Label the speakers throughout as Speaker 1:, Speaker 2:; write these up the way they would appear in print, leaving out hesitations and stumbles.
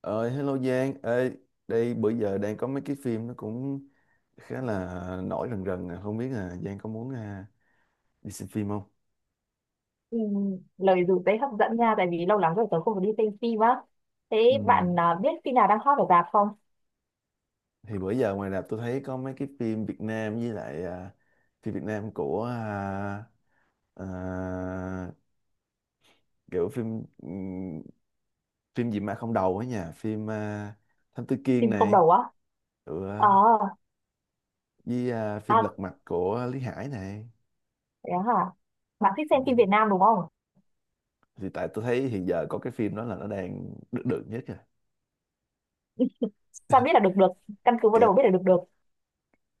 Speaker 1: Ờ, Hello Giang. Ê, đây bữa giờ đang có mấy cái phim nó cũng khá là nổi rần rần. Không biết là Giang có muốn đi xem phim không?
Speaker 2: Ừ, lời dù tế hấp dẫn nha tại vì lâu lắm rồi tớ không có đi xem phim á.
Speaker 1: Ừ.
Speaker 2: Thế bạn, biết phim nào đang hot ở rạp không?
Speaker 1: Thì bữa giờ ngoài rạp tôi thấy có mấy cái phim Việt Nam với lại phim Việt Nam à, kiểu phim phim gì mà không đầu ấy nha, phim Thám Tử Kiên
Speaker 2: Phim không
Speaker 1: này,
Speaker 2: đầu á?
Speaker 1: ừ,
Speaker 2: Ờ.
Speaker 1: à, với phim
Speaker 2: À,
Speaker 1: Lật Mặt của Lý Hải này.
Speaker 2: thế hả? Bạn thích
Speaker 1: Ừ.
Speaker 2: xem phim Việt Nam đúng không?
Speaker 1: Thì tại tôi thấy hiện giờ có cái phim đó là nó đang được nhất
Speaker 2: Sao biết là được được? Căn cứ vào
Speaker 1: rồi.
Speaker 2: đầu biết là được được?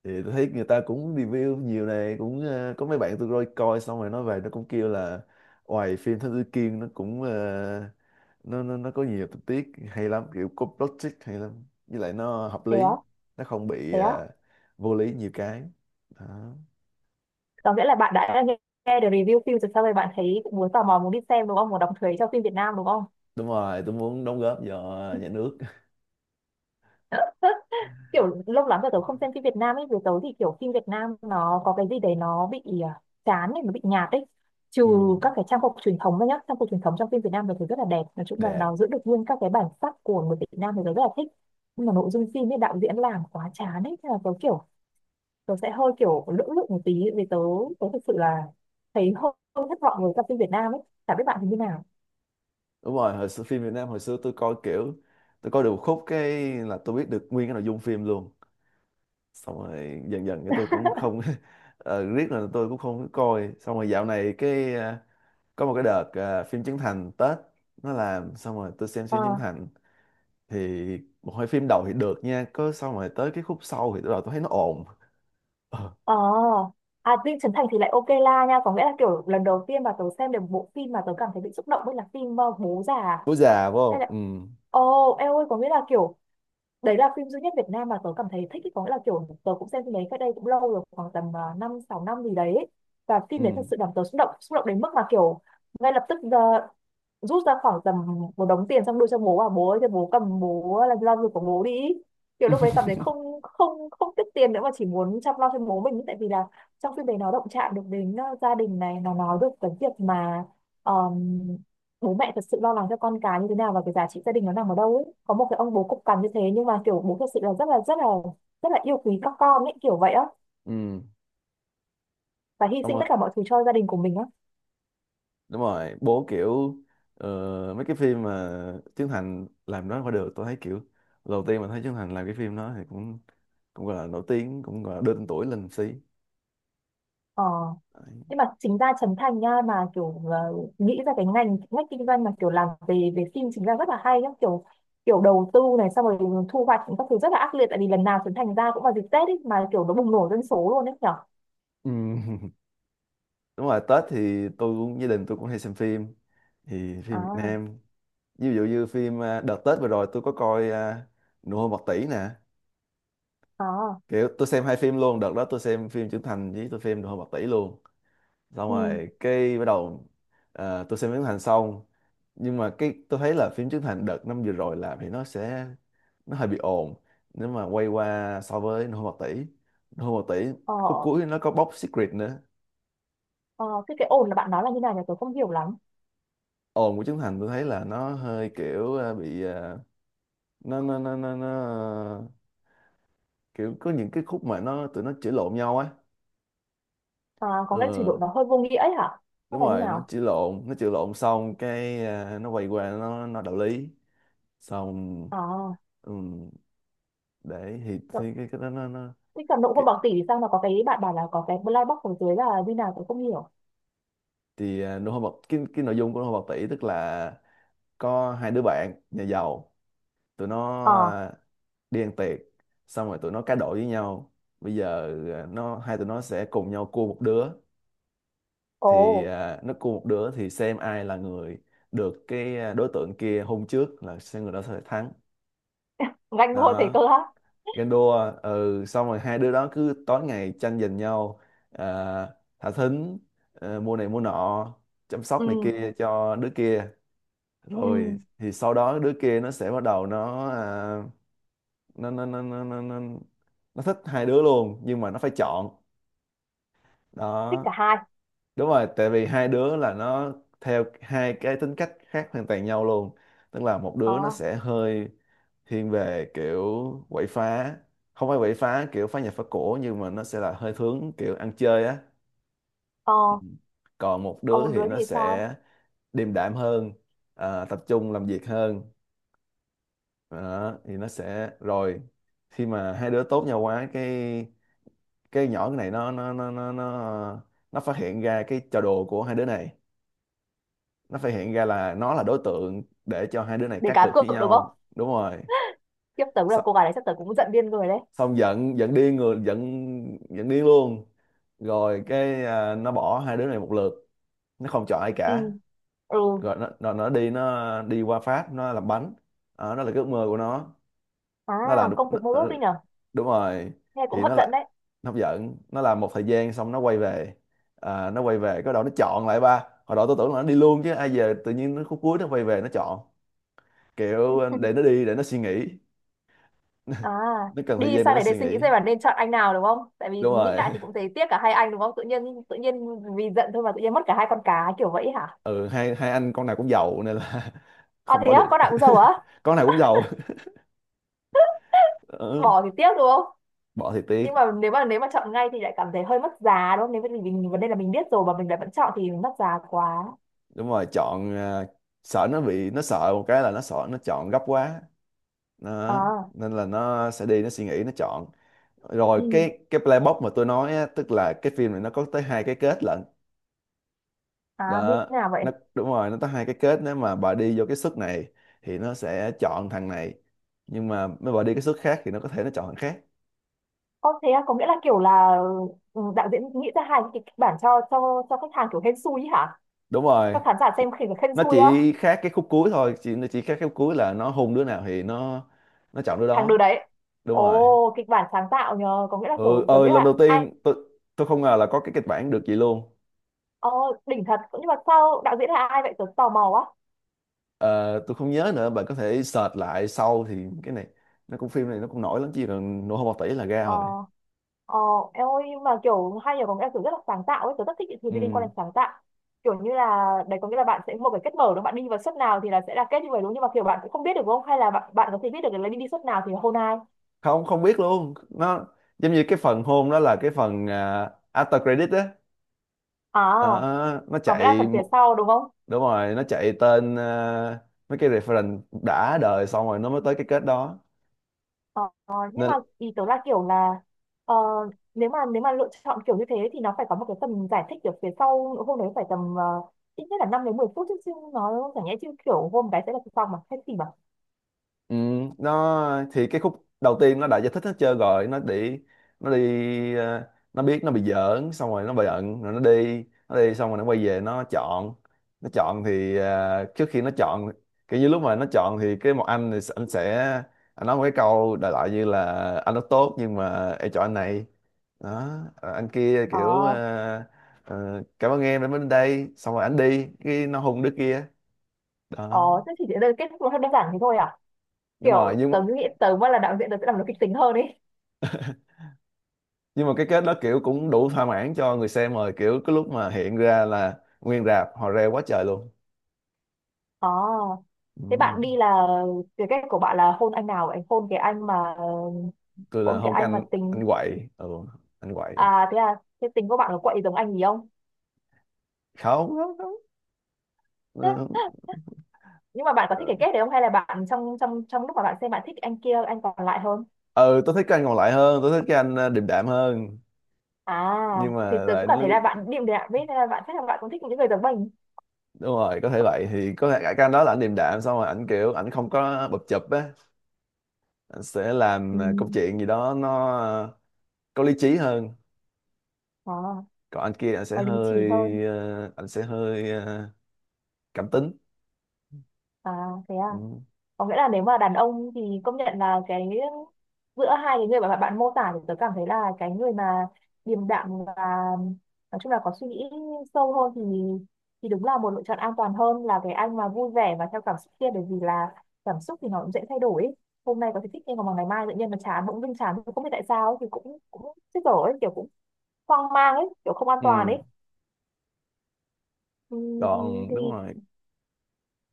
Speaker 1: Thì tôi thấy người ta cũng review nhiều này, cũng có mấy bạn tôi coi coi xong rồi nó về nó cũng kêu là ngoài phim Thám Tử Kiên, nó cũng nó có nhiều tình tiết hay lắm, kiểu có plot twist hay lắm, với lại nó hợp
Speaker 2: Thế
Speaker 1: lý,
Speaker 2: á?
Speaker 1: nó không bị
Speaker 2: Thế á?
Speaker 1: vô lý nhiều cái đó.
Speaker 2: Có nghĩa là bạn đã nghe, nghe được review phim rồi sau rồi bạn thấy cũng muốn tò mò muốn đi xem đúng không, muốn đọc thuế cho phim Việt Nam đúng không?
Speaker 1: Đúng rồi, tôi muốn đóng góp cho nhà nước.
Speaker 2: Kiểu lâu lắm rồi tớ không xem phim Việt Nam ấy, với tớ thì kiểu phim Việt Nam nó có cái gì đấy nó bị chán ấy, nó bị nhạt ấy. Trừ
Speaker 1: Ừ,
Speaker 2: các cái trang phục truyền thống ra nhá, trang phục truyền thống trong phim Việt Nam thì thấy rất là đẹp, nói chung là
Speaker 1: đẹp.
Speaker 2: nó giữ được nguyên các cái bản sắc của người Việt Nam thì tớ rất là thích. Nhưng mà nội dung phim ấy đạo diễn làm quá chán ấy, thế là tớ kiểu tớ sẽ hơi kiểu lưỡng lự một tí vì tớ tớ thực sự là thấy hơi hơi thất vọng với các phim Việt Nam ấy, chả biết bạn thì như nào.
Speaker 1: Đúng rồi, hồi xưa phim Việt Nam, hồi xưa tôi coi kiểu tôi coi được một khúc cái là tôi biết được nguyên cái nội dung phim luôn. Xong rồi dần dần cái tôi cũng không riết là tôi cũng không có coi. Xong rồi dạo này có một cái đợt phim Trấn Thành Tết nó làm, xong rồi tôi xem phim Trấn Thành thì một hai phim đầu thì được nha. Có xong rồi tới cái khúc sau thì bắt đầu tôi thấy nó ồn. Ờ,
Speaker 2: Ờ, à, Dinh Chấn Thành thì lại ok la nha, có nghĩa là kiểu lần đầu tiên mà tớ xem được bộ phim mà tớ cảm thấy bị xúc động với là phim Bố Già.
Speaker 1: bố già phải
Speaker 2: Hay
Speaker 1: không. Ừ.
Speaker 2: là, ồ, em ơi, có nghĩa là kiểu đấy là phim duy nhất Việt Nam mà tớ cảm thấy thích ý, có nghĩa là kiểu tớ cũng xem phim đấy cách đây cũng lâu rồi khoảng tầm 5 6 năm gì đấy ấy. Và phim đấy
Speaker 1: Ừ.
Speaker 2: thật sự làm tớ xúc động, xúc động đến mức mà kiểu ngay lập tức rút ra khoảng tầm một đống tiền xong đưa cho bố và bố ơi cho bố cầm, bố làm lo việc của bố đi. Kiểu lúc đấy cảm thấy không, không, không tiếc tiền nữa mà chỉ muốn chăm lo cho bố mình ấy. Tại vì là trong phim đấy nó động chạm được đến gia đình này, nó nói được cái việc mà bố mẹ thật sự lo lắng cho con cái như thế nào và cái giá trị gia đình nó nằm ở đâu ấy, có một cái ông bố cục cằn như thế nhưng mà kiểu bố thật sự là rất là rất là rất là yêu quý các con ấy kiểu vậy á,
Speaker 1: Ừ.
Speaker 2: và hy
Speaker 1: Xong
Speaker 2: sinh
Speaker 1: rồi
Speaker 2: tất cả mọi thứ cho gia đình của mình á.
Speaker 1: đúng rồi bố kiểu mấy cái phim mà Trấn Thành làm đó qua được, tôi thấy kiểu đầu tiên mà thấy Trấn Thành làm cái phim đó thì cũng cũng gọi là nổi tiếng, cũng gọi là đơn tuổi lên một xí.
Speaker 2: Ờ,
Speaker 1: Đấy.
Speaker 2: nhưng mà chính ra Trấn Thành nha, mà kiểu nghĩ ra cái ngành ngách kinh doanh mà kiểu làm về về phim chính ra rất là hay nhá, kiểu kiểu đầu tư này xong rồi thu hoạch các thứ rất là ác liệt, tại vì lần nào Trấn Thành ra cũng vào dịp Tết ấy mà kiểu nó bùng nổ dân số luôn ấy nhở.
Speaker 1: Ừm. Đúng rồi, Tết thì tôi cũng, gia đình tôi cũng hay xem phim, thì phim Việt
Speaker 2: À.
Speaker 1: Nam ví dụ như phim đợt Tết vừa rồi tôi có coi Nụ hôn bạc tỷ nè.
Speaker 2: À.
Speaker 1: Kiểu tôi xem hai phim luôn, đợt đó tôi xem phim Trấn Thành với tôi xem Nụ hôn bạc tỷ luôn. Xong
Speaker 2: Ừ.
Speaker 1: rồi cái bắt đầu tôi xem phim Trấn Thành xong, nhưng mà cái tôi thấy là phim Trấn Thành đợt năm vừa rồi làm thì nó sẽ nó hơi bị ồn, nếu mà quay qua so với Nô Bộc Tỷ.
Speaker 2: Ờ.
Speaker 1: Khúc cuối nó có bóc Secret nữa.
Speaker 2: Ờ, thế cái ồn là bạn nói là như nào nhỉ, tôi không hiểu lắm.
Speaker 1: Ồn của Trấn Thành tôi thấy là nó hơi kiểu ờ, bị ờ, nó ờ, kiểu có những cái khúc mà nó tụi nó chửi lộn nhau á.
Speaker 2: À, có cái trình
Speaker 1: ừ,
Speaker 2: độ nó hơi vô nghĩa ấy hả? Hay
Speaker 1: Đúng
Speaker 2: là như
Speaker 1: rồi, nó
Speaker 2: nào?
Speaker 1: chửi lộn, nó chửi lộn xong cái nó quay qua nó đạo lý xong.
Speaker 2: À,
Speaker 1: Ừ, đấy
Speaker 2: đậu-
Speaker 1: thì cái đó nó
Speaker 2: thế cầm đậu không
Speaker 1: cái,
Speaker 2: bằng tỷ thì sao mà có cái bạn bảo là có cái black box ở dưới là như nào tôi không hiểu.
Speaker 1: thì nụ hôn bạc cái nội dung của nụ hôn bạc tỷ tức là có hai đứa bạn nhà giàu, tụi nó
Speaker 2: Ờ.
Speaker 1: đi ăn tiệc, xong rồi tụi nó cá độ với nhau. Bây giờ nó hai tụi nó sẽ cùng nhau cua một đứa, thì
Speaker 2: Ồ.
Speaker 1: nó cua một đứa thì xem ai là người được cái đối tượng kia hôn trước là sẽ người đó sẽ thắng.
Speaker 2: Nhanh luôn thế
Speaker 1: Đó,
Speaker 2: cơ á.
Speaker 1: ganh đua, ừ, xong rồi hai đứa đó cứ tối ngày tranh giành nhau thả thính, mua này mua nọ, chăm sóc này
Speaker 2: Ừ.
Speaker 1: kia cho đứa kia. Rồi
Speaker 2: Ừ.
Speaker 1: thì sau đó đứa kia nó sẽ bắt đầu nó à, nó, nó thích hai đứa luôn, nhưng mà nó phải chọn.
Speaker 2: Thích
Speaker 1: Đó,
Speaker 2: cả hai.
Speaker 1: đúng rồi, tại vì hai đứa là nó theo hai cái tính cách khác hoàn toàn nhau luôn. Tức là một
Speaker 2: Ờ.
Speaker 1: đứa nó sẽ hơi thiên về kiểu quậy phá, không phải quậy phá kiểu phá nhà phá cổ, nhưng mà nó sẽ là hơi hướng kiểu ăn chơi á.
Speaker 2: Ờ.
Speaker 1: Còn một
Speaker 2: Còn một
Speaker 1: đứa
Speaker 2: đứa
Speaker 1: thì
Speaker 2: thì
Speaker 1: nó
Speaker 2: sao?
Speaker 1: sẽ điềm đạm hơn, tập trung làm việc hơn. Đó, thì nó sẽ rồi khi mà hai đứa tốt nhau quá cái nhỏ cái này nó nó phát hiện ra cái trò đùa của hai đứa này, nó phát hiện ra là nó là đối tượng để cho hai đứa này
Speaker 2: Để
Speaker 1: cá
Speaker 2: cá
Speaker 1: cược
Speaker 2: cược
Speaker 1: với
Speaker 2: đúng không?
Speaker 1: nhau. Đúng rồi,
Speaker 2: Tiếp tới là cô gái đấy chắc tới cũng giận điên người đấy.
Speaker 1: xong giận, giận điên người giận giận điên luôn. Rồi cái nó bỏ hai đứa này một lượt, nó không chọn ai
Speaker 2: Ừ.
Speaker 1: cả.
Speaker 2: Ừ.
Speaker 1: Rồi nó đi, nó đi qua Pháp nó làm bánh. Đó, đó là cái ước mơ của nó.
Speaker 2: À,
Speaker 1: Nó làm đúng,
Speaker 2: công việc mơ ước đi nhở?
Speaker 1: đúng rồi.
Speaker 2: Nghe cũng
Speaker 1: Thì
Speaker 2: hấp
Speaker 1: nó là
Speaker 2: dẫn đấy.
Speaker 1: nó giận, nó làm một thời gian xong nó quay về. Nó quay về cái đầu nó chọn lại. Ba hồi đó tôi tưởng là nó đi luôn chứ ai về, tự nhiên nó khúc cuối nó quay về nó chọn. Kiểu để nó đi để nó suy nghĩ.
Speaker 2: À,
Speaker 1: Nó cần thời
Speaker 2: đi
Speaker 1: gian để
Speaker 2: sang
Speaker 1: nó
Speaker 2: này để
Speaker 1: suy
Speaker 2: suy nghĩ
Speaker 1: nghĩ.
Speaker 2: xem là nên chọn anh nào đúng không? Tại vì
Speaker 1: Đúng
Speaker 2: nghĩ
Speaker 1: rồi.
Speaker 2: lại thì cũng thấy tiếc cả hai anh đúng không? Tự nhiên vì giận thôi mà tự nhiên mất cả hai con cá kiểu vậy hả?
Speaker 1: Ừ, hai hai anh con nào cũng giàu nên là
Speaker 2: À
Speaker 1: không
Speaker 2: thế
Speaker 1: bỏ
Speaker 2: á,
Speaker 1: được.
Speaker 2: con nào cũng giàu á?
Speaker 1: Con nào cũng giàu. Ừ.
Speaker 2: Bỏ thì tiếc đúng không?
Speaker 1: Bỏ thì tiếc.
Speaker 2: Nhưng mà nếu mà nếu mà chọn ngay thì lại cảm thấy hơi mất giá đúng không? Nếu mà mình vấn đề là mình biết rồi mà mình lại vẫn chọn thì mất giá quá.
Speaker 1: Đúng rồi, chọn sợ nó bị, nó sợ một cái là nó sợ nó chọn gấp quá nó,
Speaker 2: À.
Speaker 1: nên là nó sẽ đi nó suy nghĩ nó chọn. Rồi
Speaker 2: Ừ.
Speaker 1: cái playbox mà tôi nói á, tức là cái phim này nó có tới hai cái kết lận.
Speaker 2: À như
Speaker 1: Đó,
Speaker 2: thế nào vậy?
Speaker 1: nó đúng rồi, nó tới hai cái kết. Nếu mà bà đi vô cái suất này thì nó sẽ chọn thằng này, nhưng mà nếu bà đi cái suất khác thì nó có thể nó chọn thằng khác.
Speaker 2: Có thế á, có nghĩa là kiểu là ừ, đạo diễn nghĩ ra hai cái kịch bản cho khách hàng kiểu hên xui ý hả?
Speaker 1: Đúng
Speaker 2: Cho
Speaker 1: rồi,
Speaker 2: khán giả xem khi mà hên
Speaker 1: nó
Speaker 2: xui
Speaker 1: chỉ khác cái khúc cuối thôi, chỉ nó chỉ khác cái khúc cuối là nó hôn đứa nào thì nó chọn đứa
Speaker 2: thằng đứa
Speaker 1: đó.
Speaker 2: đấy.
Speaker 1: Đúng
Speaker 2: Ồ,
Speaker 1: rồi.
Speaker 2: kịch bản sáng tạo nhờ, có nghĩa là
Speaker 1: Ừ
Speaker 2: kiểu tớ
Speaker 1: ơi,
Speaker 2: nghĩ
Speaker 1: lần đầu
Speaker 2: là ai
Speaker 1: tiên tôi không ngờ là có cái kịch bản được vậy luôn.
Speaker 2: ờ, đỉnh thật. Nhưng mà sao đạo diễn là ai vậy, tớ tò mò quá.
Speaker 1: Ờ, tôi không nhớ nữa, bạn có thể search lại sau thì cái này nó cũng, phim này nó cũng nổi lắm, chỉ là nổ hơn một tỷ là ra
Speaker 2: Ờ.
Speaker 1: rồi.
Speaker 2: Ờ. Em ơi, nhưng mà kiểu hay nhờ, có nghĩa là kiểu rất là sáng tạo ấy, tớ rất thích những thứ liên quan
Speaker 1: Ừ.
Speaker 2: đến sáng tạo. Kiểu như là đấy có nghĩa là bạn sẽ một cái kết mở đó, bạn đi vào suất nào thì là sẽ là kết như vậy đúng, nhưng mà kiểu bạn cũng không biết được đúng không, hay là bạn có thể biết được là đi đi suất nào thì hôn ai.
Speaker 1: Không, không biết luôn, nó giống như cái phần hôn đó là cái phần after credit á.
Speaker 2: À,
Speaker 1: Đó, nó
Speaker 2: có nghĩa là
Speaker 1: chạy
Speaker 2: phần phía sau đúng không?
Speaker 1: đúng rồi, nó chạy tên mấy cái reference đã đời xong rồi nó mới tới cái kết đó
Speaker 2: Ờ, nhưng
Speaker 1: nên.
Speaker 2: mà ý tớ là kiểu là ờ, nếu mà lựa chọn kiểu như thế thì nó phải có một cái tầm giải thích ở phía sau hôm đấy phải tầm ít nhất là 5 đến 10 phút chứ, chứ nó chẳng nhẽ chứ kiểu hôm cái sẽ là xong mà hay gì mà.
Speaker 1: Ừ, nó thì cái khúc đầu tiên nó đã giải thích hết trơn rồi. Nó đi, nó đi nó biết nó bị giỡn xong rồi nó bị giận, rồi nó đi, nó đi xong rồi nó quay về nó chọn. Nó chọn thì trước khi nó chọn, kiểu như lúc mà nó chọn thì cái một anh thì anh sẽ, anh nói một cái câu đại loại như là anh rất tốt nhưng mà em chọn anh này. Đó, anh kia
Speaker 2: Ờ.
Speaker 1: kiểu cảm ơn em đã đến đây, xong rồi anh đi cái nó hùng đứa kia.
Speaker 2: Ờ,
Speaker 1: Đó,
Speaker 2: thế chỉ đơn kết thúc nó đơn giản thế thôi à?
Speaker 1: đúng rồi
Speaker 2: Kiểu
Speaker 1: nhưng mà,
Speaker 2: tớ nghĩ tớ mà là đạo diễn tớ sẽ làm nó kịch tính hơn ấy.
Speaker 1: nhưng mà cái kết đó kiểu cũng đủ thỏa mãn cho người xem rồi, kiểu cái lúc mà hiện ra là nguyên rạp họ reo quá trời luôn.
Speaker 2: Ờ, thế
Speaker 1: Ừ.
Speaker 2: bạn đi là cái cách của bạn là hôn anh nào vậy, hôn cái anh mà
Speaker 1: Tôi là
Speaker 2: hôn cái
Speaker 1: không, cái
Speaker 2: anh mà
Speaker 1: anh
Speaker 2: tính.
Speaker 1: quậy. Ừ, anh quậy.
Speaker 2: À thế à, thế tính của bạn có quậy giống anh gì không?
Speaker 1: Không, không, không. Ừ.
Speaker 2: Nhưng mà bạn có thích
Speaker 1: Ờ.
Speaker 2: cái kết đấy không, hay là bạn trong trong trong lúc mà bạn xem bạn thích anh kia, anh còn lại hơn?
Speaker 1: Ừ, tôi thích cái anh còn lại hơn, tôi thích cái anh điềm đạm hơn.
Speaker 2: À,
Speaker 1: Nhưng
Speaker 2: thì
Speaker 1: mà
Speaker 2: tớ
Speaker 1: lại
Speaker 2: cũng
Speaker 1: nó-
Speaker 2: cảm thấy là bạn điềm đạm ấy, nên là bạn chắc là bạn cũng thích những người giống mình.
Speaker 1: đúng rồi, có thể vậy, thì có thể cái anh đó là anh điềm đạm, xong rồi ảnh kiểu ảnh không có bập chụp á, anh sẽ làm
Speaker 2: Ừ.
Speaker 1: công chuyện gì đó có lý trí hơn.
Speaker 2: À,
Speaker 1: Còn anh kia anh sẽ
Speaker 2: có lý
Speaker 1: hơi
Speaker 2: trí hơn.
Speaker 1: cảm tính.
Speaker 2: À thế à,
Speaker 1: Ừ.
Speaker 2: có nghĩa là nếu mà đàn ông thì công nhận là cái giữa hai cái người mà bạn mô tả thì tớ cảm thấy là cái người mà điềm đạm và nói chung là có suy nghĩ sâu hơn thì đúng là một lựa chọn an toàn hơn là cái anh mà vui vẻ và theo cảm xúc kia, bởi vì là cảm xúc thì nó cũng dễ thay đổi ấy. Hôm nay có thể thích nhưng mà ngày mai tự nhiên nó chán, bỗng dưng chán không biết tại sao ấy, thì cũng cũng chết dở ấy, kiểu cũng hoang mang ấy kiểu không an toàn
Speaker 1: Ừ,
Speaker 2: ấy. Ừm.
Speaker 1: còn đúng
Speaker 2: thì
Speaker 1: rồi.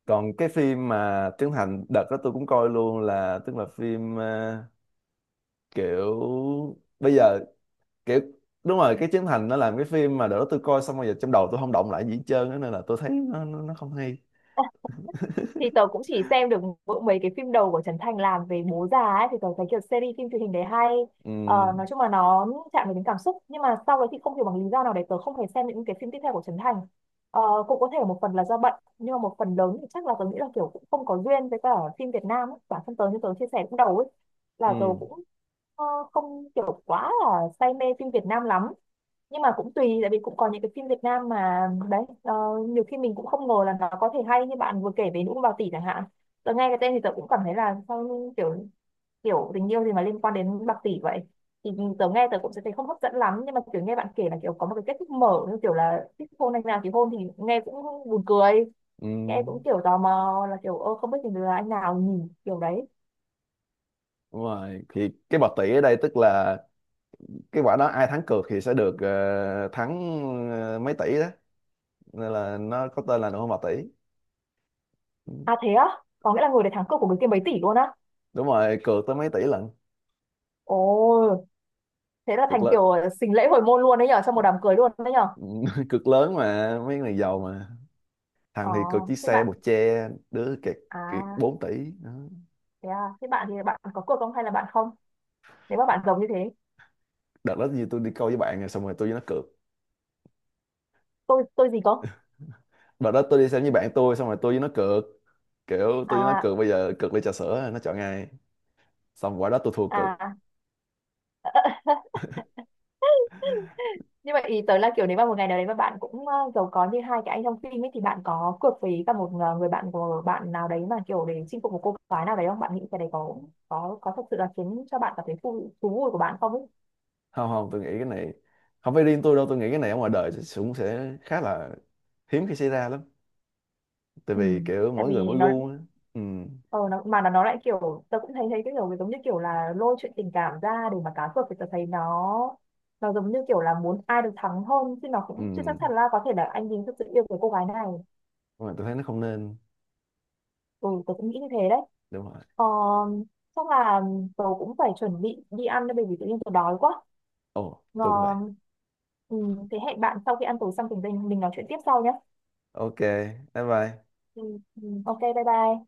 Speaker 1: Còn cái phim mà Trấn Thành đợt đó tôi cũng coi luôn là tức là phim kiểu bây giờ kiểu đúng rồi, cái Trấn Thành nó làm cái phim mà đợt đó tôi coi xong rồi giờ trong đầu tôi không động lại gì hết trơn á, nên là tôi thấy nó không hay.
Speaker 2: thì tớ cũng chỉ xem được mỗi mấy cái phim đầu của Trấn Thành làm về bố già ấy thì tớ thấy kiểu series phim truyền hình đấy hay.
Speaker 1: Ừ,
Speaker 2: Ờ, nói chung là nó chạm đến cảm xúc, nhưng mà sau đấy thì không hiểu bằng lý do nào để tớ không thể xem những cái phim tiếp theo của Trấn Thành. Ờ, cũng có thể là một phần là do bận nhưng mà một phần lớn thì chắc là tớ nghĩ là kiểu cũng không có duyên với cả phim Việt Nam ấy. Bản thân tớ như tớ chia sẻ lúc đầu ấy
Speaker 1: ừ,
Speaker 2: là tớ cũng ờ, không kiểu quá là say mê phim Việt Nam lắm. Nhưng mà cũng tùy, tại vì cũng có những cái phim Việt Nam mà đấy nhiều khi mình cũng không ngờ là nó có thể hay như bạn vừa kể về Nữ Ông Bào Tỷ chẳng hạn. Tớ nghe cái tên thì tớ cũng cảm thấy là sao, như kiểu kiểu tình yêu gì mà liên quan đến bạc tỷ vậy, thì tớ nghe tớ cũng sẽ thấy không hấp dẫn lắm, nhưng mà kiểu nghe bạn kể là kiểu có một cái kết thúc mở như kiểu là thích hôn anh nào thì hôn thì nghe cũng buồn cười.
Speaker 1: ừ.
Speaker 2: Nghe cũng kiểu tò mò là kiểu, ơ không biết thì là anh nào nhỉ, kiểu đấy.
Speaker 1: Đúng rồi. Thì cái bạc tỷ ở đây tức là cái quả đó ai thắng cược thì sẽ được thắng mấy tỷ đó. Nên là nó có tên là nụ hôn bạc tỷ. Ừ.
Speaker 2: À thế á, có nghĩa là người để thắng cuộc của người kia mấy tỷ luôn á?
Speaker 1: Đúng rồi, cược tới mấy tỷ lần.
Speaker 2: Ồ, thế là
Speaker 1: Cực
Speaker 2: thành
Speaker 1: lớn.
Speaker 2: kiểu xính lễ hồi môn luôn đấy nhở, trong một đám cưới luôn đấy nhở.
Speaker 1: Cực lớn, mà mấy người giàu mà,
Speaker 2: Ờ,
Speaker 1: thằng thì cực chiếc
Speaker 2: thế
Speaker 1: xe
Speaker 2: bạn,
Speaker 1: bột che đứa kẹt, kẹt
Speaker 2: à
Speaker 1: 4 tỷ. Đó.
Speaker 2: thế à, thế bạn thì bạn có cuộc không hay là bạn không, nếu mà bạn giống như thế?
Speaker 1: Đợt đó như tôi đi câu với bạn rồi xong rồi tôi với nó cược,
Speaker 2: Tôi gì có.
Speaker 1: đợt đó tôi đi xem với bạn tôi xong rồi tôi với nó cược, kiểu tôi với nó
Speaker 2: À.
Speaker 1: cược bây giờ cược ly trà sữa nó chọn ngay. Xong quả đó tôi thua cực.
Speaker 2: À. Như vậy ý tới là kiểu nếu mà một ngày nào đấy mà bạn cũng giàu có như hai cái anh trong phim ấy thì bạn có cược với cả một người bạn của bạn nào đấy mà kiểu để chinh phục một cô gái nào đấy không, bạn nghĩ cái đấy có thật sự là khiến cho bạn cảm thấy thú thú vui của bạn không ấy?
Speaker 1: Không, không, tôi nghĩ cái này không phải riêng tôi đâu, tôi nghĩ cái này ở ngoài đời cũng sẽ khá là hiếm khi xảy ra lắm, tại
Speaker 2: Ừ.
Speaker 1: vì kiểu
Speaker 2: Tại
Speaker 1: mỗi
Speaker 2: vì
Speaker 1: người mỗi
Speaker 2: nó
Speaker 1: gu á. Ừ.
Speaker 2: ờ nó, mà nó lại kiểu tớ cũng thấy thấy cái kiểu giống như kiểu là lôi chuyện tình cảm ra để mà cá cược thì tớ thấy nó giống như kiểu là muốn ai được thắng hơn, chứ nó
Speaker 1: Ừ.
Speaker 2: cũng chưa chắc chắn là có thể là anh Bình thực sự yêu cái cô gái này.
Speaker 1: Nhưng mà tôi thấy nó không nên.
Speaker 2: Ừ, tớ cũng nghĩ như thế đấy.
Speaker 1: Đúng rồi.
Speaker 2: Ờ, chắc là tớ cũng phải chuẩn bị đi ăn đây bởi vì tự nhiên tớ đói quá.
Speaker 1: Ồ, tôi cũng vậy.
Speaker 2: Ngon. Ừ, thế hẹn bạn sau khi ăn tối xong thì mình nói chuyện tiếp sau nhé.
Speaker 1: OK, bye bye.
Speaker 2: Ừ. Ừ. Ok, bye bye.